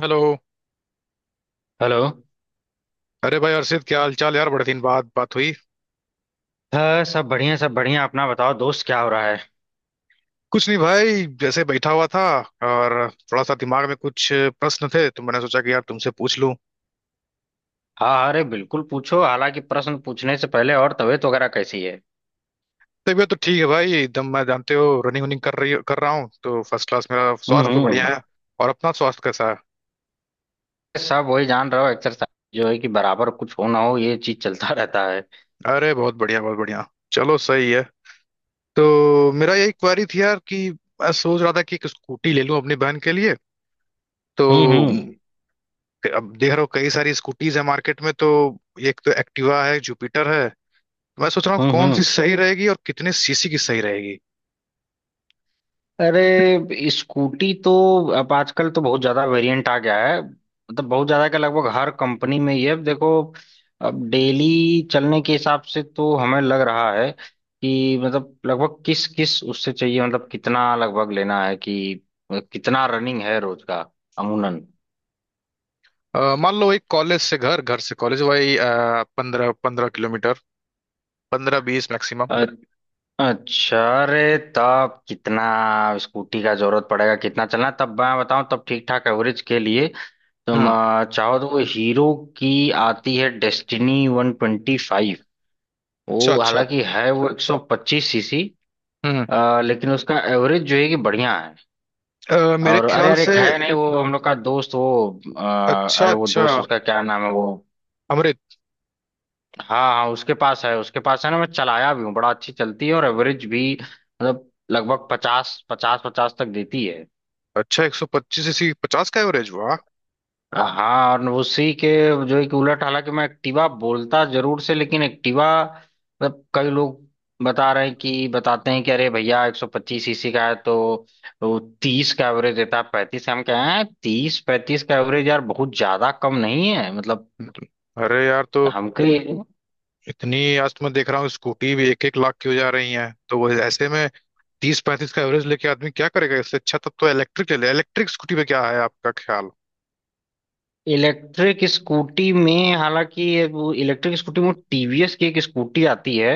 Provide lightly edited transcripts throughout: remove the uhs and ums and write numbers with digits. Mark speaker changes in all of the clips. Speaker 1: Hello.
Speaker 2: Hello
Speaker 1: अरे भाई अर्षित क्या हाल चाल यार, बड़े दिन बाद बात हुई।
Speaker 2: हाँ सब बढ़िया अपना बताओ दोस्त क्या हो रहा है।
Speaker 1: कुछ नहीं भाई, जैसे बैठा हुआ था। और थोड़ा सा दिमाग में कुछ प्रश्न थे तो मैंने सोचा कि यार तुमसे पूछ लूं।
Speaker 2: हाँ अरे बिल्कुल पूछो। हालांकि प्रश्न पूछने से पहले और तबीयत वगैरह कैसी है।
Speaker 1: तबीयत तो ठीक है भाई एकदम। मैं जानते हो रनिंग वनिंग कर रहा हूँ तो फर्स्ट क्लास, मेरा
Speaker 2: हम्म
Speaker 1: स्वास्थ्य तो बढ़िया
Speaker 2: हम्म।
Speaker 1: है। और अपना स्वास्थ्य कैसा है?
Speaker 2: सब वही जान रहे हो। एक्सरसाइज जो है कि बराबर कुछ हो ना हो ये चीज चलता रहता है।
Speaker 1: अरे बहुत बढ़िया बहुत बढ़िया। चलो सही है। तो मेरा यही क्वारी थी यार कि मैं सोच रहा था कि एक स्कूटी ले लूं अपनी बहन के लिए। तो
Speaker 2: हम्म हम्म
Speaker 1: अब देख रहा हूँ कई सारी स्कूटीज है मार्केट में। तो एक तो एक्टिवा है, जुपिटर है। मैं सोच रहा हूँ
Speaker 2: हम्म
Speaker 1: कौन सी
Speaker 2: हम्म।
Speaker 1: सही रहेगी और कितने सीसी की सही रहेगी।
Speaker 2: अरे स्कूटी तो अब आजकल तो बहुत ज्यादा वेरिएंट आ गया है, मतलब बहुत ज्यादा का लगभग हर कंपनी में ये अब देखो। अब डेली चलने के हिसाब से तो हमें लग रहा है कि मतलब लगभग किस किस उससे चाहिए, मतलब कितना लगभग लेना है कि कितना रनिंग है रोज का, अमूनन।
Speaker 1: मान लो एक कॉलेज से घर, घर से कॉलेज, वही 15 15 किलोमीटर, 15 20 मैक्सिमम।
Speaker 2: अ- अच्छा, अरे तब कितना स्कूटी का जरूरत पड़ेगा, कितना चलना है, तब मैं बताऊं तब ठीक ठाक एवरेज के लिए। तुम
Speaker 1: हम्म।
Speaker 2: चाहो तो वो हीरो की आती है डेस्टिनी वन ट्वेंटी फाइव।
Speaker 1: अच्छा
Speaker 2: वो
Speaker 1: अच्छा।
Speaker 2: हालांकि है वो 125 सीसी,
Speaker 1: हम्म।
Speaker 2: लेकिन उसका एवरेज जो है कि बढ़िया है।
Speaker 1: मेरे
Speaker 2: और अरे
Speaker 1: ख्याल
Speaker 2: अरे
Speaker 1: से।
Speaker 2: एक है, नहीं वो हम लोग का दोस्त वो
Speaker 1: अच्छा
Speaker 2: अरे वो
Speaker 1: अच्छा।
Speaker 2: दोस्त उसका क्या नाम है वो।
Speaker 1: अमृत।
Speaker 2: हाँ हाँ उसके पास है, उसके पास है ना, मैं चलाया भी हूँ, बड़ा अच्छी चलती है और एवरेज भी मतलब लगभग 50 50 50 तक देती है।
Speaker 1: अच्छा, 125 सीसी 50 का एवरेज हुआ।
Speaker 2: हाँ और उसी के जो है कि उलट, हालांकि मैं एक्टिवा बोलता जरूर से लेकिन एक्टिवा मतलब कई लोग बता रहे हैं कि बताते हैं कि अरे भैया 125 सीसी का है, तो वो 30 का एवरेज देता है, 35 का। हम कह रहे हैं 30 35 का एवरेज यार बहुत ज्यादा कम नहीं है मतलब
Speaker 1: अरे यार, तो
Speaker 2: हमको।
Speaker 1: इतनी आज तो मैं देख रहा हूँ स्कूटी भी 1 1 लाख की हो जा रही है, तो वो ऐसे में 30 35 का एवरेज लेके आदमी क्या करेगा। इससे अच्छा तब तो इलेक्ट्रिक ले ले। इलेक्ट्रिक स्कूटी पे क्या है आपका ख्याल?
Speaker 2: इलेक्ट्रिक स्कूटी में, हालांकि ये वो इलेक्ट्रिक स्कूटी में टीवीएस की एक स्कूटी आती है,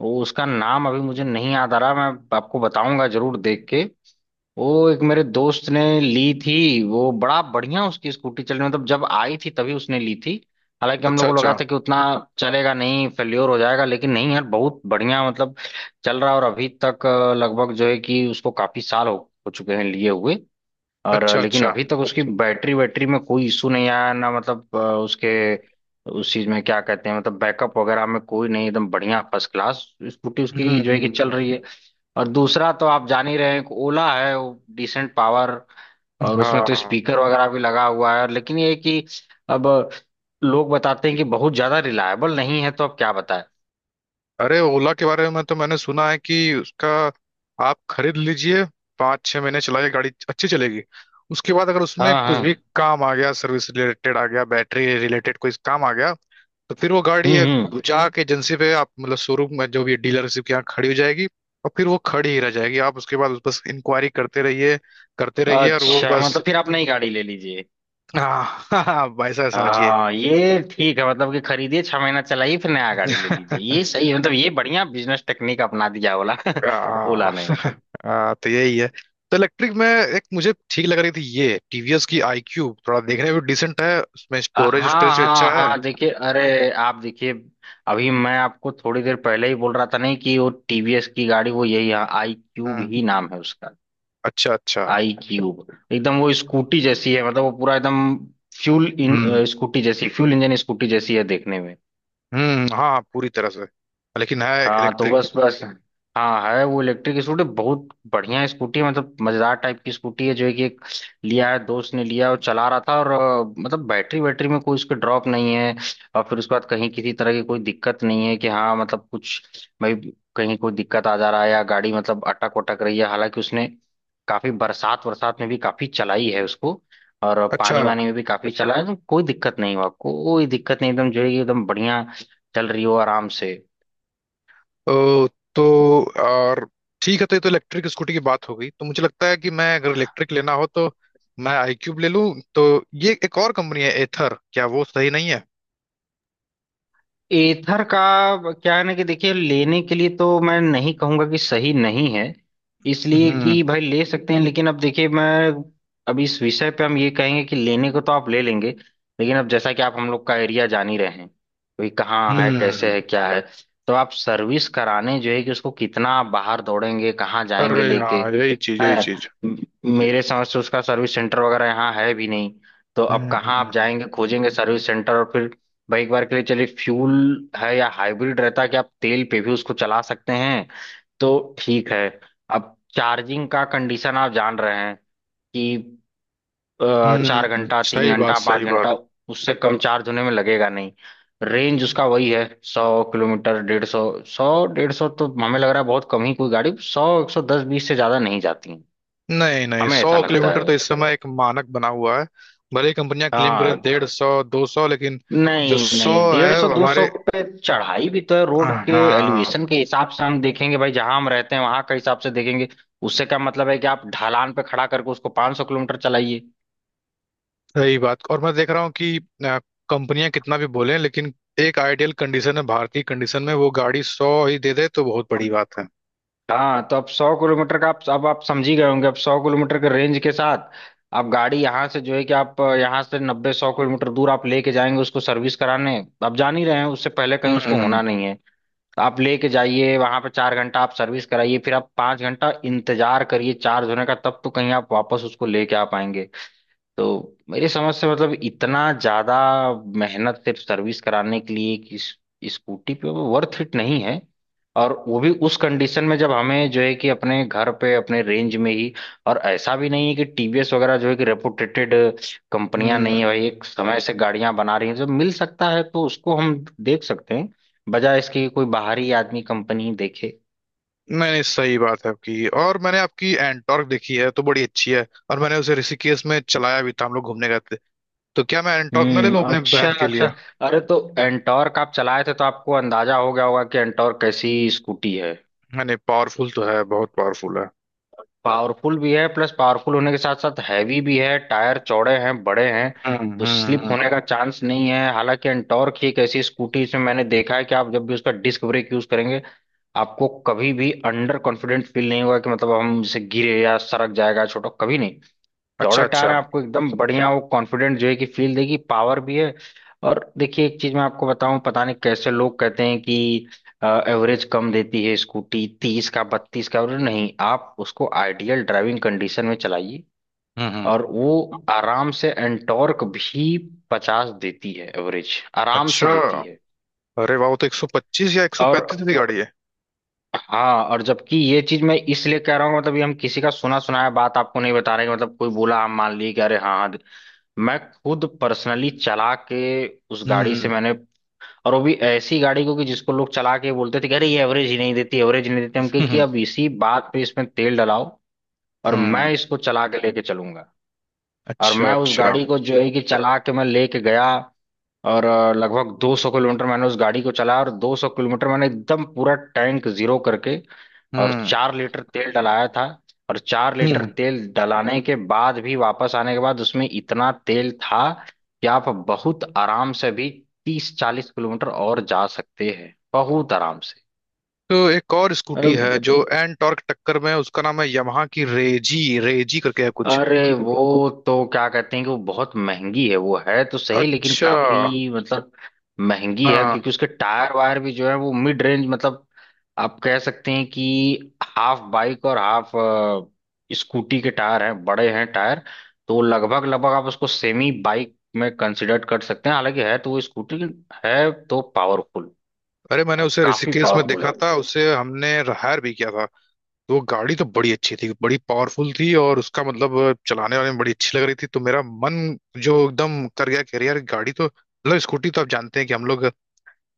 Speaker 2: वो उसका नाम अभी मुझे नहीं याद आ रहा, मैं आपको बताऊंगा जरूर देख के। वो एक मेरे दोस्त ने ली थी, वो बड़ा बढ़िया उसकी स्कूटी चली, मतलब जब आई थी तभी उसने ली थी। हालांकि हम
Speaker 1: अच्छा
Speaker 2: लोग को लगा
Speaker 1: अच्छा।
Speaker 2: था कि उतना चलेगा नहीं, फेल्योर हो जाएगा, लेकिन नहीं यार बहुत बढ़िया मतलब चल रहा है। और अभी तक लगभग जो है कि उसको काफी साल हो चुके हैं लिए हुए। और
Speaker 1: अच्छा
Speaker 2: लेकिन
Speaker 1: अच्छा।
Speaker 2: अभी तक उसकी बैटरी वैटरी में कोई इशू नहीं आया ना, मतलब उसके उस चीज में क्या कहते हैं मतलब बैकअप वगैरह में कोई नहीं, एकदम बढ़िया फर्स्ट क्लास स्कूटी उसकी जो है कि चल
Speaker 1: हम्म।
Speaker 2: रही है। और दूसरा तो आप जान ही रहे हैं कि ओला है, वो डिसेंट पावर और उसमें तो
Speaker 1: हाँ।
Speaker 2: स्पीकर वगैरह भी लगा हुआ है, लेकिन ये है कि अब लोग बताते हैं कि बहुत ज्यादा रिलायबल नहीं है, तो अब क्या बताएं।
Speaker 1: अरे ओला के बारे में तो मैंने सुना है कि उसका आप खरीद लीजिए, 5 6 महीने चलाइए, गाड़ी अच्छी चलेगी। उसके बाद अगर उसमें
Speaker 2: हाँ
Speaker 1: कुछ भी
Speaker 2: हाँ।
Speaker 1: काम आ गया, सर्विस रिलेटेड आ गया, बैटरी रिलेटेड कोई काम आ गया, तो फिर वो गाड़ी है,
Speaker 2: हम्म।
Speaker 1: जाके एजेंसी पे आप मतलब शोरूम में जो भी डीलरशिप के यहाँ खड़ी हो जाएगी। और फिर वो खड़ी ही रह जाएगी, आप उसके बाद उस बस इंक्वायरी करते रहिए, करते रहिए, और वो
Speaker 2: अच्छा
Speaker 1: बस।
Speaker 2: मतलब फिर आप नई गाड़ी ले लीजिए।
Speaker 1: हाँ भाई साहब समझिए।
Speaker 2: हाँ ये ठीक है, मतलब कि खरीदिए 6 महीना चलाइए फिर नया गाड़ी ले लीजिए, ये सही है, मतलब ये बढ़िया बिजनेस टेक्निक अपना दिया ओला।
Speaker 1: आ,
Speaker 2: ओला ने।
Speaker 1: तो यही है। तो इलेक्ट्रिक में एक मुझे ठीक लग रही थी, ये टीवीएस की आई क्यूब, थोड़ा देखने में भी डिसेंट है, उसमें स्टोरेज
Speaker 2: हाँ
Speaker 1: स्टोरेज भी अच्छा
Speaker 2: हाँ
Speaker 1: है।
Speaker 2: हाँ देखिए, अरे आप देखिए, अभी मैं आपको थोड़ी देर पहले ही बोल रहा था नहीं कि वो टीवीएस की गाड़ी, वो यही है आई क्यूब
Speaker 1: हम्म।
Speaker 2: ही नाम है उसका।
Speaker 1: अच्छा अच्छा।
Speaker 2: आई क्यूब एकदम वो स्कूटी जैसी है, मतलब वो पूरा एकदम फ्यूल इन
Speaker 1: हम्म
Speaker 2: स्कूटी जैसी फ्यूल इंजन स्कूटी जैसी है देखने में।
Speaker 1: हम्म। हाँ पूरी तरह से, लेकिन है
Speaker 2: हाँ तो
Speaker 1: इलेक्ट्रिक।
Speaker 2: बस उसके बस, हाँ है वो इलेक्ट्रिक स्कूटी, बहुत बढ़िया स्कूटी है, मतलब मजेदार टाइप की स्कूटी है जो है कि एक लिया है दोस्त ने, लिया और चला रहा था और मतलब बैटरी बैटरी में कोई उसके ड्रॉप नहीं है। और फिर उसके बाद कहीं किसी तरह की कोई दिक्कत नहीं है कि हाँ मतलब कुछ भाई कहीं कोई दिक्कत आ जा रहा है या गाड़ी मतलब अटक वटक रही है। हालांकि उसने काफी बरसात बरसात में भी काफी चलाई है उसको, और पानी
Speaker 1: अच्छा।
Speaker 2: वानी में भी काफी चला है, तो कोई दिक्कत नहीं हुआ, कोई दिक्कत नहीं, एकदम जो है कि एकदम बढ़िया चल रही हो आराम से।
Speaker 1: ओ, तो और ठीक है, तो ये तो इलेक्ट्रिक स्कूटी की बात हो गई। तो मुझे लगता है कि मैं अगर इलेक्ट्रिक लेना हो तो मैं आई क्यूब ले लूं। तो ये एक और कंपनी है एथर, क्या वो सही नहीं है?
Speaker 2: एथर का क्या है ना कि देखिए, लेने के लिए तो मैं नहीं कहूंगा कि सही नहीं है, इसलिए
Speaker 1: हम्म
Speaker 2: कि भाई ले सकते हैं, लेकिन अब देखिए मैं अब इस विषय पे हम ये कहेंगे कि लेने को तो आप ले लेंगे, लेकिन अब जैसा कि आप हम लोग का एरिया जान ही रहे हैं, कोई कहाँ है, कैसे
Speaker 1: हम्म।
Speaker 2: है, क्या है, तो आप सर्विस कराने जो है कि उसको कितना आप बाहर दौड़ेंगे, कहाँ जाएंगे
Speaker 1: अरे
Speaker 2: लेके,
Speaker 1: हाँ, यही चीज यही
Speaker 2: है
Speaker 1: चीज।
Speaker 2: म- मेरे समझ से उसका सर्विस सेंटर वगैरह यहाँ है भी नहीं। तो अब कहाँ आप
Speaker 1: हम्म
Speaker 2: जाएंगे खोजेंगे सर्विस सेंटर, और फिर भाई एक बार के लिए चलिए फ्यूल है या हाइब्रिड रहता कि आप तेल पे भी उसको चला सकते हैं, तो ठीक है। अब चार्जिंग का कंडीशन आप जान रहे हैं कि
Speaker 1: हम्म।
Speaker 2: चार घंटा तीन
Speaker 1: सही बात
Speaker 2: घंटा पाँच
Speaker 1: सही बात।
Speaker 2: घंटा उससे कम चार्ज होने में लगेगा नहीं। रेंज उसका वही है 100 किलोमीटर 150, सौ डेढ़ 100 तो हमें लग रहा है बहुत कम ही कोई गाड़ी 100 110 बीस से ज्यादा नहीं जाती हैं।
Speaker 1: नहीं नहीं,
Speaker 2: हमें
Speaker 1: सौ
Speaker 2: ऐसा लगता
Speaker 1: किलोमीटर तो
Speaker 2: है।
Speaker 1: इस समय एक मानक बना हुआ है, भले ही कंपनियां क्लेम करें
Speaker 2: हाँ
Speaker 1: 150 200, लेकिन जो
Speaker 2: नहीं
Speaker 1: सौ
Speaker 2: नहीं डेढ़
Speaker 1: है
Speaker 2: सौ
Speaker 1: वो
Speaker 2: 200
Speaker 1: हमारे।
Speaker 2: पे चढ़ाई भी तो है रोड के
Speaker 1: हाँ,
Speaker 2: एलिवेशन के हिसाब से हम देखेंगे भाई, जहां हम रहते हैं वहां के हिसाब से देखेंगे। उससे क्या मतलब है कि आप ढलान पे खड़ा करके उसको 500 किलोमीटर चलाइए।
Speaker 1: सही बात। और मैं देख रहा हूँ कि अ, कंपनियां कितना भी बोलें, लेकिन एक आइडियल कंडीशन है, भारतीय कंडीशन में वो गाड़ी सौ ही दे दे तो बहुत बड़ी बात है।
Speaker 2: हाँ तो अब 100 किलोमीटर का आप अब आप समझ ही गए होंगे, अब 100 किलोमीटर के रेंज के साथ आप गाड़ी यहाँ से जो है कि आप यहाँ से 90 100 किलोमीटर दूर आप लेके जाएंगे उसको सर्विस कराने, आप जान ही रहे हैं उससे पहले कहीं उसको
Speaker 1: हम्म
Speaker 2: होना नहीं है। तो आप लेके जाइए, वहां पे 4 घंटा आप सर्विस कराइए, फिर आप 5 घंटा इंतजार करिए चार्ज होने का, तब तो कहीं आप वापस उसको लेके आ पाएंगे। तो मेरी समझ से मतलब इतना ज्यादा मेहनत सिर्फ सर्विस कराने के लिए कि इस स्कूटी पे वो वर्थ इट नहीं है, और वो भी उस कंडीशन में जब हमें जो है कि अपने घर पे अपने रेंज में ही। और ऐसा भी नहीं है कि टीवीएस वगैरह जो है कि रेपुटेटेड कंपनियां नहीं है
Speaker 1: हम्म।
Speaker 2: भाई, एक समय से गाड़ियां बना रही हैं, जब मिल सकता है तो उसको हम देख सकते हैं, बजाय इसके कि कोई बाहरी आदमी कंपनी देखे।
Speaker 1: नहीं नहीं, सही बात है आपकी। और मैंने आपकी एंटॉर्क देखी है तो बड़ी अच्छी है। और मैंने उसे ऋषिकेश में चलाया भी था, हम लोग घूमने गए थे। तो क्या मैं एंटॉर्क ना ले लूं अपने
Speaker 2: अच्छा
Speaker 1: बहन के
Speaker 2: अच्छा।
Speaker 1: लिए?
Speaker 2: अरे तो एंटॉर्क आप चलाए थे तो आपको अंदाजा हो गया होगा कि एंटॉर्क कैसी स्कूटी है।
Speaker 1: मैंने पावरफुल तो है, बहुत पावरफुल है।
Speaker 2: पावरफुल भी है, प्लस पावरफुल होने के साथ साथ हैवी भी है, टायर चौड़े हैं बड़े हैं, तो स्लिप
Speaker 1: हम्म।
Speaker 2: होने का चांस नहीं है। हालांकि एंटॉर्क ही एक ऐसी स्कूटी इसमें मैंने देखा है कि आप जब भी उसका डिस्क ब्रेक यूज करेंगे, आपको कभी भी अंडर कॉन्फिडेंट फील नहीं होगा कि मतलब हम इसे गिरे या सरक जाएगा, छोटा कभी नहीं।
Speaker 1: अच्छा
Speaker 2: चौड़े टायर
Speaker 1: अच्छा।
Speaker 2: हैं, आपको एकदम बढ़िया वो कॉन्फिडेंट जो है कि फील देगी, पावर भी है। और देखिए एक चीज मैं आपको बताऊं, पता नहीं कैसे लोग कहते हैं कि एवरेज कम देती है स्कूटी, 30 का 32 का एवरेज, नहीं आप उसको आइडियल ड्राइविंग कंडीशन में चलाइए
Speaker 1: हम्म।
Speaker 2: और वो आराम से एंटॉर्क भी 50 देती है एवरेज, आराम से
Speaker 1: अच्छा,
Speaker 2: देती है।
Speaker 1: अरे वाह, वो तो 125 या
Speaker 2: और
Speaker 1: 135 की गाड़ी है।
Speaker 2: हाँ, और जबकि ये चीज मैं इसलिए कह रहा हूँ, मतलब ये हम किसी का सुना सुनाया बात आपको नहीं बता रहे हैं, मतलब कोई बोला आप मान लिए कि अरे हाँ हाँ। मैं खुद पर्सनली चला के उस गाड़ी से
Speaker 1: हम्म
Speaker 2: मैंने, और वो भी ऐसी गाड़ी को कि जिसको लोग चला के बोलते थे कि अरे ये एवरेज ही नहीं देती, एवरेज ही नहीं देती। हम कहे कि
Speaker 1: हम्म।
Speaker 2: अब इसी बात पे इसमें तेल डलाओ, और
Speaker 1: हम्म।
Speaker 2: मैं इसको चला के लेके चलूंगा। और
Speaker 1: अच्छा
Speaker 2: मैं उस
Speaker 1: अच्छा।
Speaker 2: गाड़ी को जो है कि चला के मैं लेके गया, और लगभग 200 किलोमीटर मैंने उस गाड़ी को चलाया, और 200 किलोमीटर मैंने एकदम पूरा टैंक जीरो करके और
Speaker 1: हम्म
Speaker 2: 4 लीटर तेल डलाया था। और चार लीटर
Speaker 1: हम्म।
Speaker 2: तेल डलाने के बाद भी वापस आने के बाद उसमें इतना तेल था कि आप बहुत आराम से भी 30 40 किलोमीटर और जा सकते हैं, बहुत आराम
Speaker 1: तो एक और स्कूटी
Speaker 2: से।
Speaker 1: है जो एन टॉर्क टक्कर में है, उसका नाम है यamaहा की रेजी, रेजी करके है कुछ।
Speaker 2: अरे वो तो क्या कहते हैं कि वो बहुत महंगी है, वो है तो सही लेकिन
Speaker 1: अच्छा।
Speaker 2: काफी मतलब महंगी है,
Speaker 1: हाँ।
Speaker 2: क्योंकि उसके टायर वायर भी जो है वो मिड रेंज, मतलब आप कह सकते हैं कि हाफ बाइक और हाफ स्कूटी के टायर हैं, बड़े हैं टायर, तो लगभग लगभग आप उसको सेमी बाइक में कंसिडर कर सकते हैं, हालांकि है तो वो स्कूटी, है तो पावरफुल,
Speaker 1: अरे मैंने
Speaker 2: और
Speaker 1: उसे
Speaker 2: काफी
Speaker 1: ऋषिकेश में
Speaker 2: पावरफुल है
Speaker 1: देखा
Speaker 2: वो।
Speaker 1: था, उसे हमने हायर भी किया था। तो वो गाड़ी तो बड़ी अच्छी थी, बड़ी पावरफुल थी, और उसका मतलब चलाने वाले में बड़ी अच्छी लग रही थी। तो मेरा मन जो एकदम कर गया कि अरे यार गाड़ी तो मतलब स्कूटी, तो आप जानते हैं कि हम लोग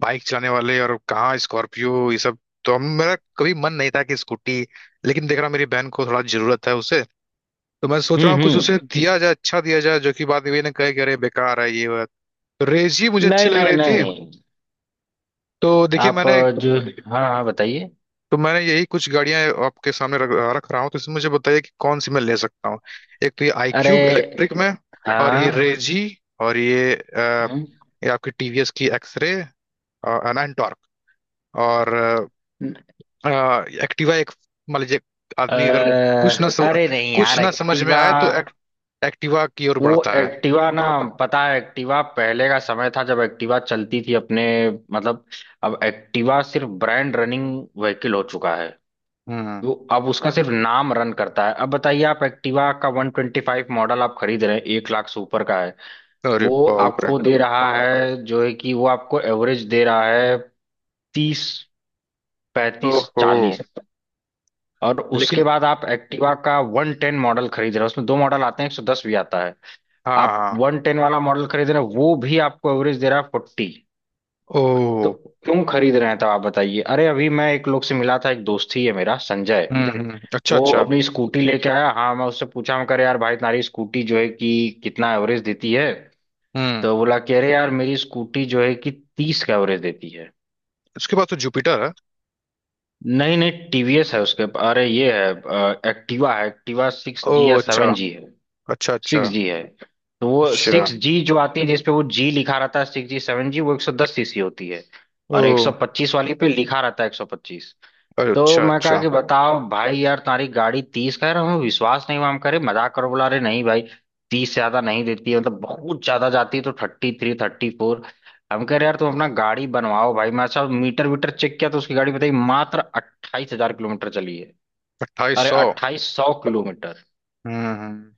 Speaker 1: बाइक चलाने वाले, और कहाँ स्कॉर्पियो ये सब। तो हम, मेरा कभी मन नहीं था कि स्कूटी, लेकिन देख रहा हूँ मेरी बहन को थोड़ा जरूरत है उसे। तो मैं सोच रहा हूँ कुछ
Speaker 2: हम्म।
Speaker 1: उसे दिया जाए, अच्छा दिया जाए, जो कि बाद में ये ना कहे कि अरे बेकार है ये वो है। तो रेस ही मुझे अच्छी
Speaker 2: नहीं
Speaker 1: लग
Speaker 2: नहीं
Speaker 1: रही थी।
Speaker 2: नहीं,
Speaker 1: तो देखिए
Speaker 2: आप
Speaker 1: मैंने,
Speaker 2: जो हाँ हाँ बताइए।
Speaker 1: तो मैंने यही कुछ गाड़ियां आपके सामने रख रहा हूँ। तो इसमें मुझे बताइए कि कौन सी मैं ले सकता हूँ। एक तो ये आई
Speaker 2: अरे
Speaker 1: क्यूब इलेक्ट्रिक में, और ये
Speaker 2: हाँ।
Speaker 1: रेजी, और ये
Speaker 2: हम्म,
Speaker 1: ये आपकी टीवीएस की एक्सरे, एंड टॉर्क, और एक्टिवा एक। मान लीजिए
Speaker 2: अ,
Speaker 1: आदमी अगर कुछ ना सम,
Speaker 2: अरे नहीं
Speaker 1: कुछ
Speaker 2: यार
Speaker 1: ना समझ में
Speaker 2: एक्टिवा,
Speaker 1: आए तो एक्टिवा की ओर
Speaker 2: वो
Speaker 1: बढ़ता है।
Speaker 2: एक्टिवा ना, पता है एक्टिवा पहले का समय था जब एक्टिवा चलती थी अपने मतलब, अब एक्टिवा सिर्फ ब्रांड रनिंग व्हीकल हो चुका है,
Speaker 1: हम्म।
Speaker 2: वो अब उसका सिर्फ नाम रन करता है। अब बताइए आप एक्टिवा का 125 मॉडल आप खरीद रहे हैं, 1 लाख से ऊपर का है,
Speaker 1: अरे
Speaker 2: वो
Speaker 1: बाप रे।
Speaker 2: आपको दे रहा है जो है कि वो आपको एवरेज दे रहा है तीस पैंतीस
Speaker 1: ओहो।
Speaker 2: चालीस और
Speaker 1: लेकिन
Speaker 2: उसके बाद आप एक्टिवा का 110 मॉडल खरीद रहे हो, उसमें दो मॉडल आते हैं, 110 भी आता है,
Speaker 1: हाँ
Speaker 2: आप
Speaker 1: हाँ।
Speaker 2: 110 वाला मॉडल खरीद रहे हो, वो भी आपको एवरेज दे रहा है 40। तो
Speaker 1: ओ।
Speaker 2: क्यों खरीद रहे हैं तब आप बताइए। अरे अभी मैं एक लोग से मिला था, एक दोस्त ही है मेरा संजय,
Speaker 1: अच्छा
Speaker 2: वो
Speaker 1: अच्छा।
Speaker 2: अपनी स्कूटी लेके आया, हाँ मैं उससे पूछा, मैं कह रहा यार भाई तुम्हारी स्कूटी जो है कि कितना एवरेज देती है।
Speaker 1: हम्म।
Speaker 2: तो बोला, कह रहे यार मेरी स्कूटी जो है कि 30 का एवरेज देती है।
Speaker 1: उसके बाद तो जुपिटर है।
Speaker 2: नहीं नहीं, टीवीएस है उसके, अरे ये है एक्टिवा है, एक्टिवा सिक्स
Speaker 1: ओ।
Speaker 2: जी या
Speaker 1: अच्छा
Speaker 2: सेवन जी है,
Speaker 1: अच्छा। अच्छा
Speaker 2: सिक्स जी है। तो वो
Speaker 1: अच्छा।
Speaker 2: सिक्स जी जो आती है जिसपे वो जी लिखा रहता है सिक्स जी सेवन जी, वो 110 सीसी होती है,
Speaker 1: ओ।
Speaker 2: और एक सौ पच्चीस वाली पे लिखा रहता है 125।
Speaker 1: अरे
Speaker 2: तो
Speaker 1: अच्छा
Speaker 2: मैं कहा
Speaker 1: अच्छा।
Speaker 2: कि बताओ भाई यार तुम्हारी गाड़ी 30, कह रहा हूँ विश्वास नहीं हुआ, हम करे मजाक करो, बोला अरे नहीं भाई 30 ज्यादा नहीं देती है, मतलब बहुत ज्यादा जाती है तो 33 34। हम कह रहे यार तुम अपना गाड़ी बनवाओ भाई। मैं अच्छा मीटर वीटर चेक किया तो उसकी गाड़ी बताई मात्र 28,000 किलोमीटर चली है।
Speaker 1: अट्ठाईस
Speaker 2: अरे
Speaker 1: सौ
Speaker 2: 2,800 किलोमीटर।
Speaker 1: हम्म हम्म,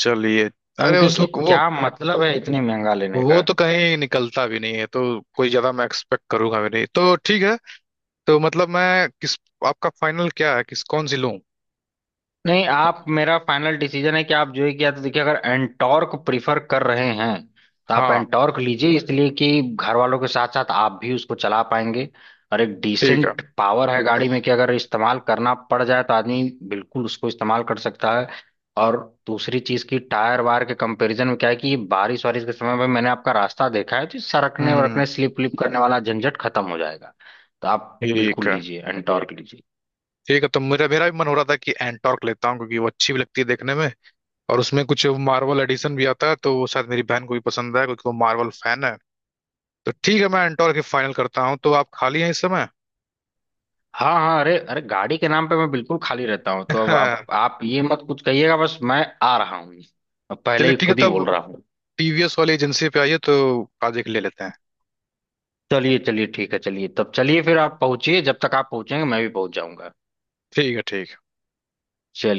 Speaker 1: चलिए।
Speaker 2: तो हम
Speaker 1: अरे उस
Speaker 2: क्योंकि
Speaker 1: वक्त वो
Speaker 2: क्या मतलब है इतनी महंगा लेने
Speaker 1: वो
Speaker 2: का।
Speaker 1: तो कहीं निकलता भी नहीं है, तो कोई ज्यादा मैं एक्सपेक्ट करूंगा भी नहीं, तो ठीक है। तो मतलब मैं किस, आपका फाइनल क्या है, किस कौन सी लूं?
Speaker 2: नहीं आप, मेरा फाइनल डिसीजन है कि आप जो है कि या तो देखिए, अगर एंटॉर्क प्रिफर कर रहे हैं तो आप
Speaker 1: हाँ
Speaker 2: एंटॉर्क लीजिए, इसलिए कि घर वालों के साथ साथ आप भी उसको चला पाएंगे, और एक
Speaker 1: ठीक है।
Speaker 2: डिसेंट पावर है गाड़ी में कि अगर इस्तेमाल करना पड़ जाए तो आदमी बिल्कुल उसको इस्तेमाल कर सकता है। और दूसरी चीज की टायर वायर के कंपैरिजन में क्या है कि ये बारिश वारिश के समय में मैंने आपका रास्ता देखा है, तो ये सरकने
Speaker 1: हम्म।
Speaker 2: वरकने स्लिप व्लिप करने वाला झंझट खत्म हो जाएगा। तो आप
Speaker 1: ठीक
Speaker 2: बिल्कुल
Speaker 1: है
Speaker 2: लीजिए, एंटॉर्क लीजिए।
Speaker 1: ठीक है, तो मेरा मेरा भी मन हो रहा था कि एंटॉर्क लेता हूँ क्योंकि वो अच्छी भी लगती है देखने में। और उसमें कुछ मार्वल एडिशन भी आता है तो वो शायद मेरी बहन को भी पसंद है क्योंकि वो मार्वल फैन है। तो ठीक है मैं एंटॉर्क ही फाइनल करता हूँ। तो आप खाली हैं इस समय?
Speaker 2: हाँ हाँ अरे अरे गाड़ी के नाम पे मैं बिल्कुल खाली रहता हूँ, तो अब आप ये मत कुछ कहिएगा, बस मैं आ रहा हूँ, अब पहले
Speaker 1: चलिए
Speaker 2: ही
Speaker 1: ठीक है
Speaker 2: खुद ही
Speaker 1: तब,
Speaker 2: बोल रहा हूँ।
Speaker 1: टीवीएस वाली एजेंसी पे आइए, तो आज एक ले लेते हैं।
Speaker 2: चलिए चलिए ठीक है, चलिए तब, चलिए फिर आप पहुंचिए, जब तक आप पहुंचेंगे मैं भी पहुंच जाऊंगा।
Speaker 1: ठीक है ठीक है।
Speaker 2: चलिए।